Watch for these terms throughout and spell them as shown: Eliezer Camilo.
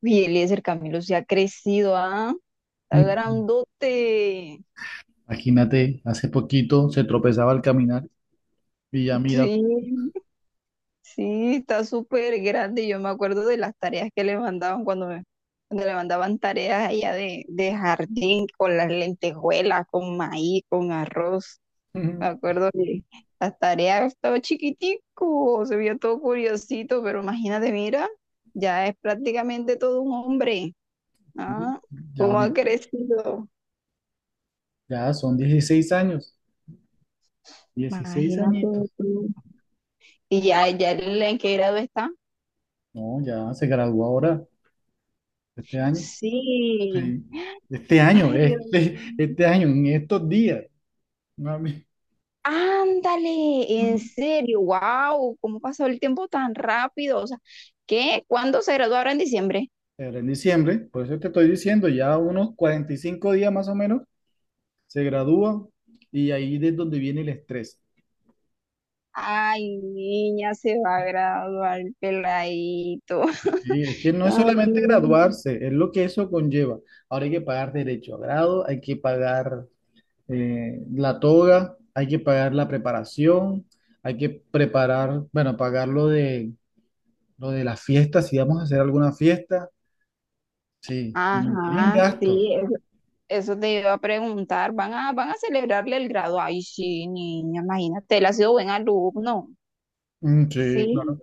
Uy, Eliezer Camilo se ha crecido, ¿ah? Está Mm. grandote. Imagínate, hace poquito se tropezaba al caminar y ya mira. Sí, sí, está súper grande. Yo me acuerdo de las tareas que le mandaban cuando le mandaban tareas allá de jardín con las lentejuelas, con maíz, con arroz. Me Ujú. acuerdo que las tareas estaba chiquitico, se veía todo curiosito, pero imagínate, mira, ya es prácticamente todo un hombre, Sí, ¿ah? ya, ¿Cómo ha crecido? ya son 16 años, 16 Imagínate añitos. tú. Y ya, ya en qué grado está. No, ya se graduó ahora, este año. Sí. Sí, este año, Ay, Dios mío. este año, en estos días. Mami. Ándale, en Ujú. serio, wow, ¿cómo pasó el tiempo tan rápido? O sea, ¿qué? ¿Cuándo se graduó ahora en diciembre? Era en diciembre, por eso te estoy diciendo, ya unos 45 días más o menos se gradúa y ahí es donde viene el estrés. Ay, niña, se va a graduar el peladito. Sí, es que no es solamente También. graduarse, es lo que eso conlleva. Ahora hay que pagar derecho a grado, hay que pagar la toga, hay que pagar la preparación, hay que preparar, bueno, pagar lo de las fiestas, si vamos a hacer alguna fiesta. Sí, tienen Ajá, gastos. sí, eso te iba a preguntar. ¿Van a, van a celebrarle el grado? Ay, sí, niña, imagínate, él ha sido buen alumno. Mm, sí, Sí. claro.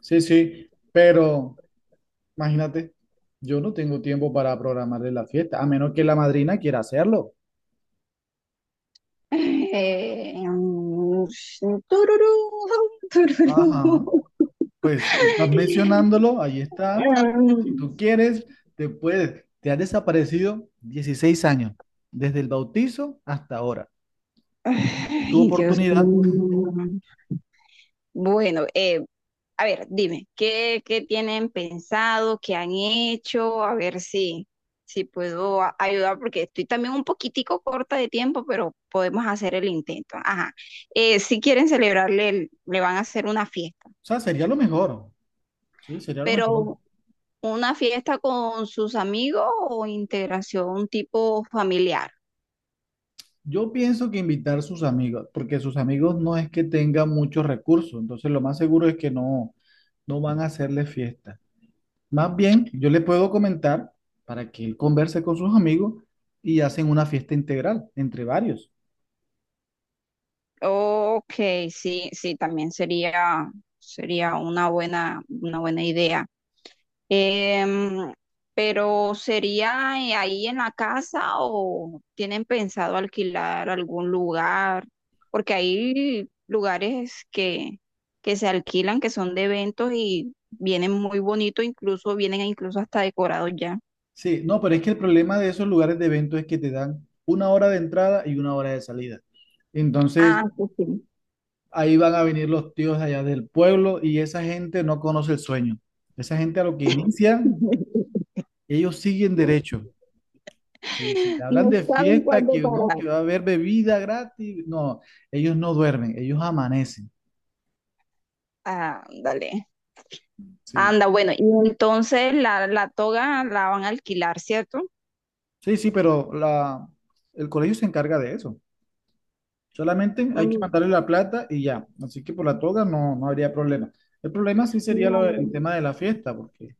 Sí, sí, pero imagínate, yo no tengo tiempo para programarle la fiesta, a menos que la madrina quiera hacerlo. Sí, tururú, Ajá, tururú. pues tú estás mencionándolo, ahí está. Mm, Tú quieres, te puedes. Te has desaparecido 16 años, desde el bautizo hasta ahora. Tu Ay, Dios oportunidad, o mío. Bueno, a ver, dime, ¿qué tienen pensado, qué han hecho? A ver si puedo ayudar, porque estoy también un poquitico corta de tiempo, pero podemos hacer el intento. Ajá. Si quieren celebrarle, le van a hacer una fiesta, sea, sería lo mejor. Sí, sería lo mejor. pero ¿una fiesta con sus amigos o integración tipo familiar? Yo pienso que invitar a sus amigos, porque sus amigos no es que tengan muchos recursos, entonces lo más seguro es que no, no van a hacerle fiesta. Más bien, yo le puedo comentar para que él converse con sus amigos y hacen una fiesta integral entre varios. Ok, sí, sí, sería una buena idea. Em, pero ¿sería ahí en la casa o tienen pensado alquilar algún lugar? Porque hay lugares que se alquilan, que son de eventos y vienen muy bonitos, incluso vienen incluso hasta decorados ya. Sí, no, pero es que el problema de esos lugares de evento es que te dan una hora de entrada y una hora de salida. Entonces, Ah, sí, sí. ahí van a venir los tíos allá del pueblo y esa gente no conoce el sueño. Esa gente a lo que inician, ellos siguen derecho. Sí, sí, te No hablan de saben fiesta, cuándo que no, parar. que va a haber bebida gratis. No, ellos no duermen, ellos amanecen. Ah, dale. Sí, Anda, bueno, y entonces la toga la van a alquilar, ¿cierto? sí, sí, pero el colegio se encarga de eso. Solamente hay que Mm, mandarle la plata y ya. Así que por la toga no, no habría problema. El problema sí sería el No, tema de la fiesta, porque,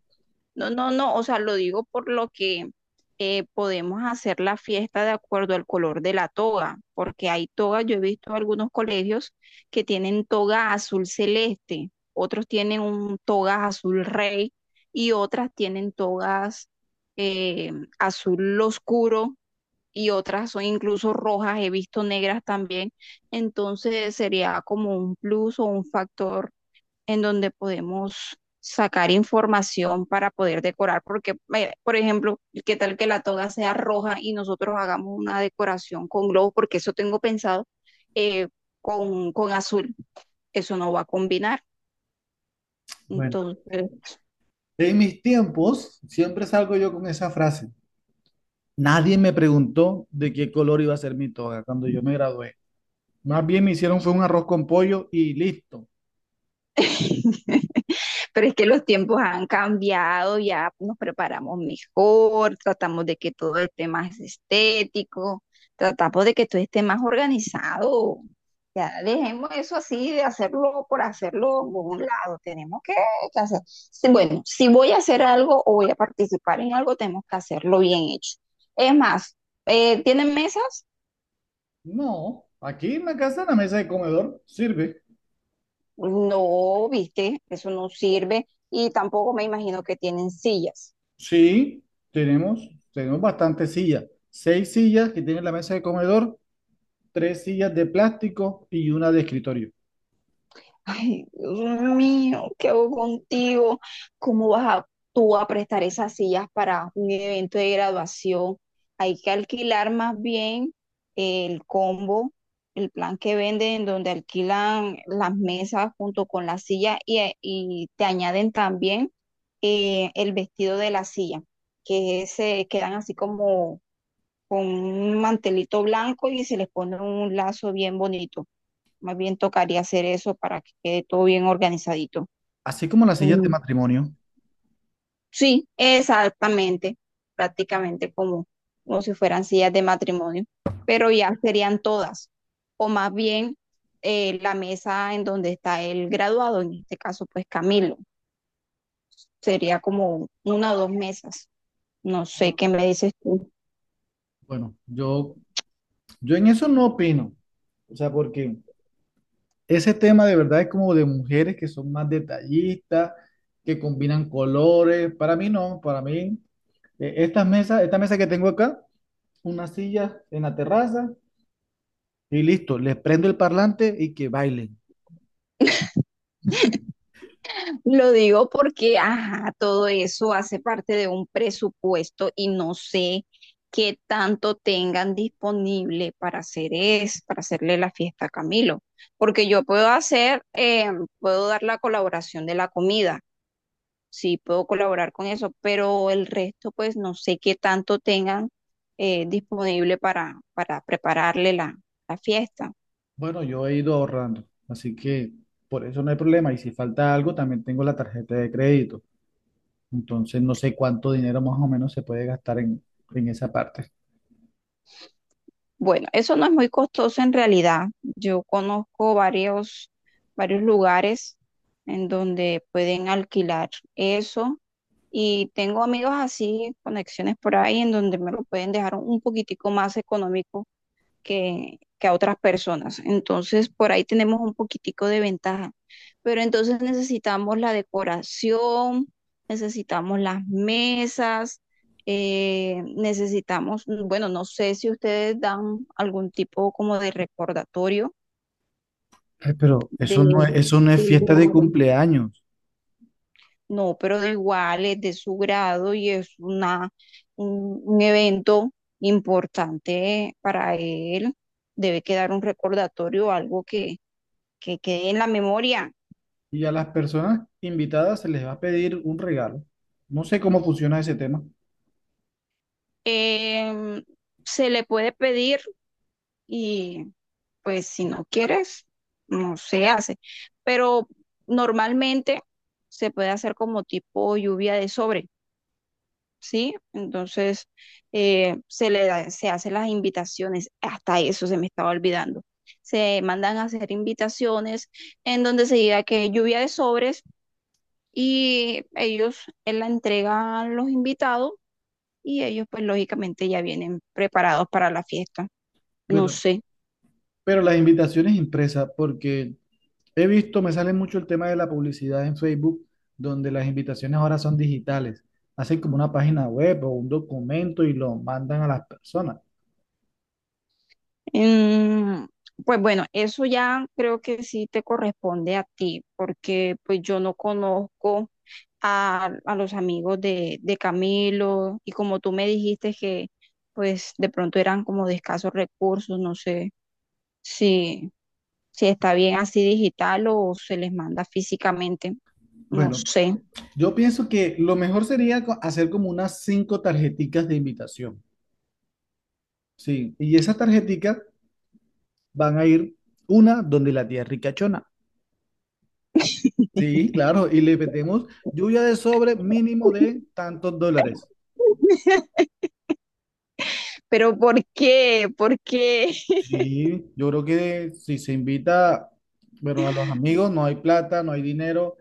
no, no, no, o sea, lo digo por lo que podemos hacer la fiesta de acuerdo al color de la toga, porque hay togas, yo he visto algunos colegios que tienen toga azul celeste, otros tienen un toga azul rey y otras tienen togas eh, azul oscuro y otras son incluso rojas, he visto negras también. Entonces sería como un plus o un factor en donde podemos sacar información para poder decorar, porque, por ejemplo, qué tal que la toga sea roja y nosotros hagamos una decoración con globos porque eso tengo pensado eh, con azul, eso no va a combinar. bueno, Entonces, en mis tiempos siempre salgo yo con esa frase. Nadie me preguntó de qué color iba a ser mi toga cuando yo me gradué. Más bien me hicieron fue un arroz con pollo y listo. pero es que los tiempos han cambiado, ya nos preparamos mejor, tratamos de que todo esté más estético, tratamos de que todo esté más organizado. Ya dejemos eso así de hacerlo por hacerlo por un lado. Tenemos que hacer. Bueno, si voy a hacer algo o voy a participar en algo, tenemos que hacerlo bien hecho. Es más, ¿tienen mesas? No, aquí en la casa, en la mesa de comedor, sirve. No, viste, eso no sirve. Y tampoco me imagino que tienen sillas. Sí, tenemos, bastantes sillas. Seis sillas que tiene la mesa de comedor, tres sillas de plástico y una de escritorio. Ay, Dios mío, ¿qué hago contigo? ¿Cómo vas a, tú a prestar esas sillas para un evento de graduación? Hay que alquilar más bien el combo, el plan que venden, donde alquilan las mesas junto con la silla y te añaden también el vestido de la silla, que se quedan así como con un mantelito blanco y se les pone un lazo bien bonito. Más bien tocaría hacer eso para que quede todo bien organizadito. Así como las sillas de Mm, matrimonio. Sí, exactamente, prácticamente como, como si fueran sillas de matrimonio, pero ya serían todas, o más bien la mesa en donde está el graduado, en este caso pues Camilo, sería como una o dos mesas, no sé qué me dices tú. Bueno, yo en eso no opino. O sea, porque ese tema de verdad es como de mujeres que son más detallistas, que combinan colores. Para mí no, para mí, estas mesas, esta mesa que tengo acá, una silla en la terraza y listo, les prendo el parlante y que bailen. Lo digo porque, ajá, todo eso hace parte de un presupuesto y no sé qué tanto tengan disponible para para hacerle la fiesta a Camilo. Porque yo puedo hacer, puedo dar la colaboración de la comida, sí, puedo colaborar con eso, pero el resto, pues no sé qué tanto tengan disponible para prepararle la fiesta. Bueno, yo he ido ahorrando, así que por eso no hay problema. Y si falta algo, también tengo la tarjeta de crédito. Entonces no sé cuánto dinero más o menos se puede gastar en, esa parte. Bueno, eso no es muy costoso en realidad. Yo conozco varios lugares en donde pueden alquilar eso y tengo amigos así, conexiones por ahí en donde me lo pueden dejar un poquitico más económico que a otras personas. Entonces, por ahí tenemos un poquitico de ventaja. Pero entonces necesitamos la decoración, necesitamos las mesas, necesitamos, bueno, no sé si ustedes dan algún tipo como de recordatorio Ay, pero de, eso no es, del fiesta de grado. cumpleaños. No, pero de igual es de su grado y es un evento importante para él. Debe quedar un recordatorio, algo que quede en la memoria. Y a las personas invitadas se les va a pedir un regalo. No sé cómo funciona ese tema, Eh, Se le puede pedir y pues si no quieres, no se hace. Pero normalmente se puede hacer como tipo lluvia de sobre, ¿sí? Entonces se hacen las invitaciones, hasta eso se me estaba olvidando. Se mandan a hacer invitaciones en donde se diga que lluvia de sobres y ellos la entregan a los invitados y ellos pues lógicamente ya vienen preparados para la fiesta. No pero, sé. Las invitaciones impresas, porque he visto, me sale mucho el tema de la publicidad en Facebook, donde las invitaciones ahora son digitales. Hacen como una página web o un documento y lo mandan a las personas. Mm, pues bueno, eso ya creo que sí te corresponde a ti, porque pues yo no conozco a los amigos de Camilo y como tú me dijiste que pues de pronto eran como de escasos recursos, no sé si, si está bien así digital o se les manda físicamente, no Bueno, sé. yo pienso que lo mejor sería hacer como unas cinco tarjeticas de invitación. Sí, y esas tarjeticas van a ir una donde la tía ricachona. Sí, claro, y le metemos lluvia de sobre mínimo de tantos dólares. Pero ¿por qué? ¿Por qué? Sí, yo creo que si se invita, bueno, a los amigos no hay plata, no hay dinero,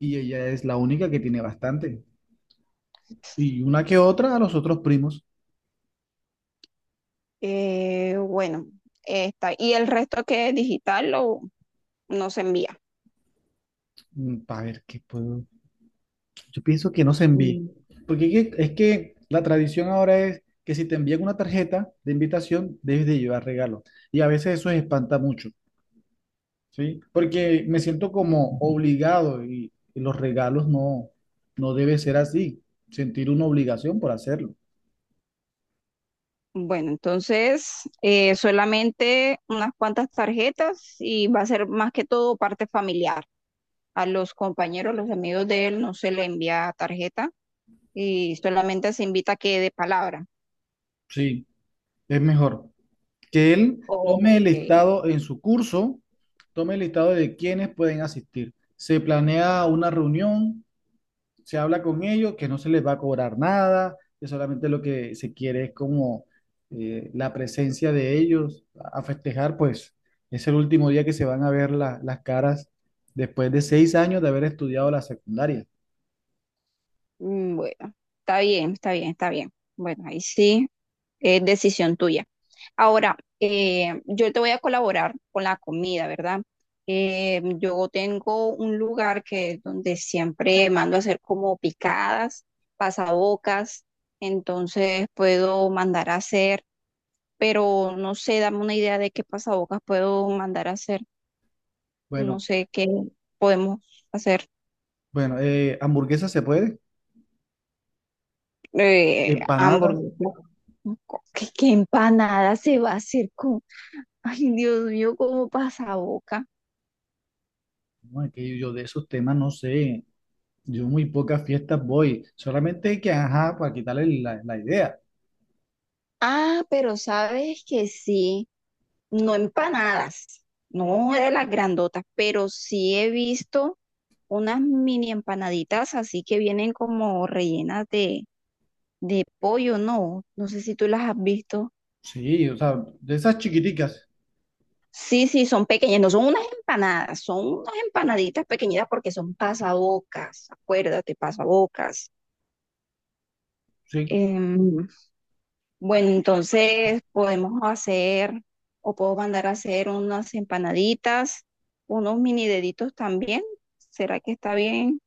y ella es la única que tiene bastante. Y una que otra a los otros primos, Bueno, está. Y el resto que es no se envía. para ver qué puedo. Yo pienso que no se envíe, Mm. porque es que, la tradición ahora es que si te envían una tarjeta de invitación, debes de llevar regalo. Y a veces eso espanta mucho, ¿sí? Porque me siento como obligado y, los regalos no, no debe ser así, sentir una obligación por hacerlo. Bueno, entonces solamente unas cuantas tarjetas y va a ser más que todo parte familiar. A los compañeros, los amigos de él no se le envía tarjeta y solamente se invita a que de palabra. Sí, es mejor que él tome el Ok. listado en su curso, tome el listado de quienes pueden asistir. Se planea una reunión, se habla con ellos que no se les va a cobrar nada, que solamente lo que se quiere es como, la presencia de ellos a festejar, pues es el último día que se van a ver las caras después de 6 años de haber estudiado la secundaria. Bueno, está bien, está bien, está bien. Bueno, ahí sí es decisión tuya. Ahora, yo te voy a colaborar con la comida, ¿verdad? Yo tengo un lugar que donde siempre mando a hacer como picadas, pasabocas, entonces puedo mandar a hacer, pero no sé, dame una idea de qué pasabocas puedo mandar a hacer, no Bueno, sé qué podemos hacer, bueno, hamburguesas se puede, empanadas, hamburguesas, ¿qué empanada se va a hacer con, ay Dios mío, como pasaboca? no, es que yo de esos temas no sé, yo muy pocas fiestas voy, solamente que, ajá, para quitarle la, idea. Ah, pero sabes que sí, no empanadas, no de las grandotas, pero sí he visto unas mini empanaditas así que vienen como rellenas de pollo, ¿no? No sé si tú las has visto. Sí, o sea, de esas chiquiticas, Sí, sí, son pequeñas, no son unas empanadas, son unas empanaditas pequeñitas porque son pasabocas, acuérdate, pasabocas. sí. Em, Bueno, entonces podemos hacer o puedo mandar a hacer unas empanaditas, unos mini deditos también. ¿Será que está bien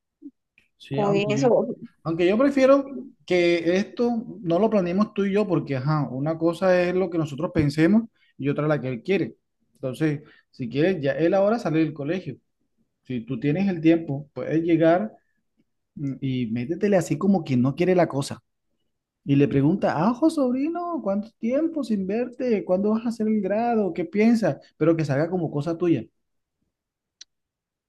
Sí, con aunque yo, eso? Prefiero que esto no lo planeemos tú y yo, porque ajá, una cosa es lo que nosotros pensemos y otra la que él quiere. Entonces, si quieres, ya él ahora sale del colegio. Si tú tienes el tiempo, puedes llegar, y métetele así como quien no quiere la cosa. Y le pregunta, ajo, sobrino, ¿cuánto tiempo sin verte? ¿Cuándo vas a hacer el grado? ¿Qué piensas? Pero que salga como cosa tuya.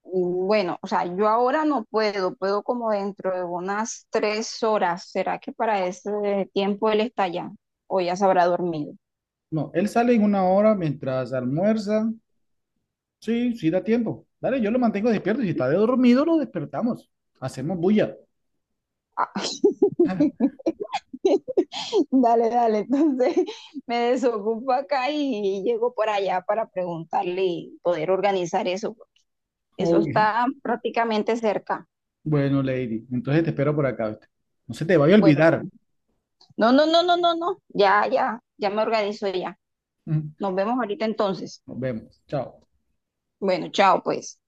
Bueno, o sea, yo ahora no puedo, puedo como dentro de unas 3 horas. ¿Será que para ese tiempo él está allá o ya se habrá dormido? No, él sale en una hora mientras almuerza. Sí, sí da tiempo. Dale, yo lo mantengo despierto. Y si está dormido, lo despertamos. Hacemos bulla. Ah, dale, dale, entonces me desocupo acá y llego por allá para preguntarle y poder organizar eso. Eso Ok. está prácticamente cerca. Bueno, Lady, entonces te espero por acá, ¿viste? No se te vaya a Bueno, olvidar. bueno. No, no, no, no, no, no. Ya, ya, ya me organizo ya. Nos Nos vemos ahorita entonces. vemos. Chao. Bueno, chao, pues.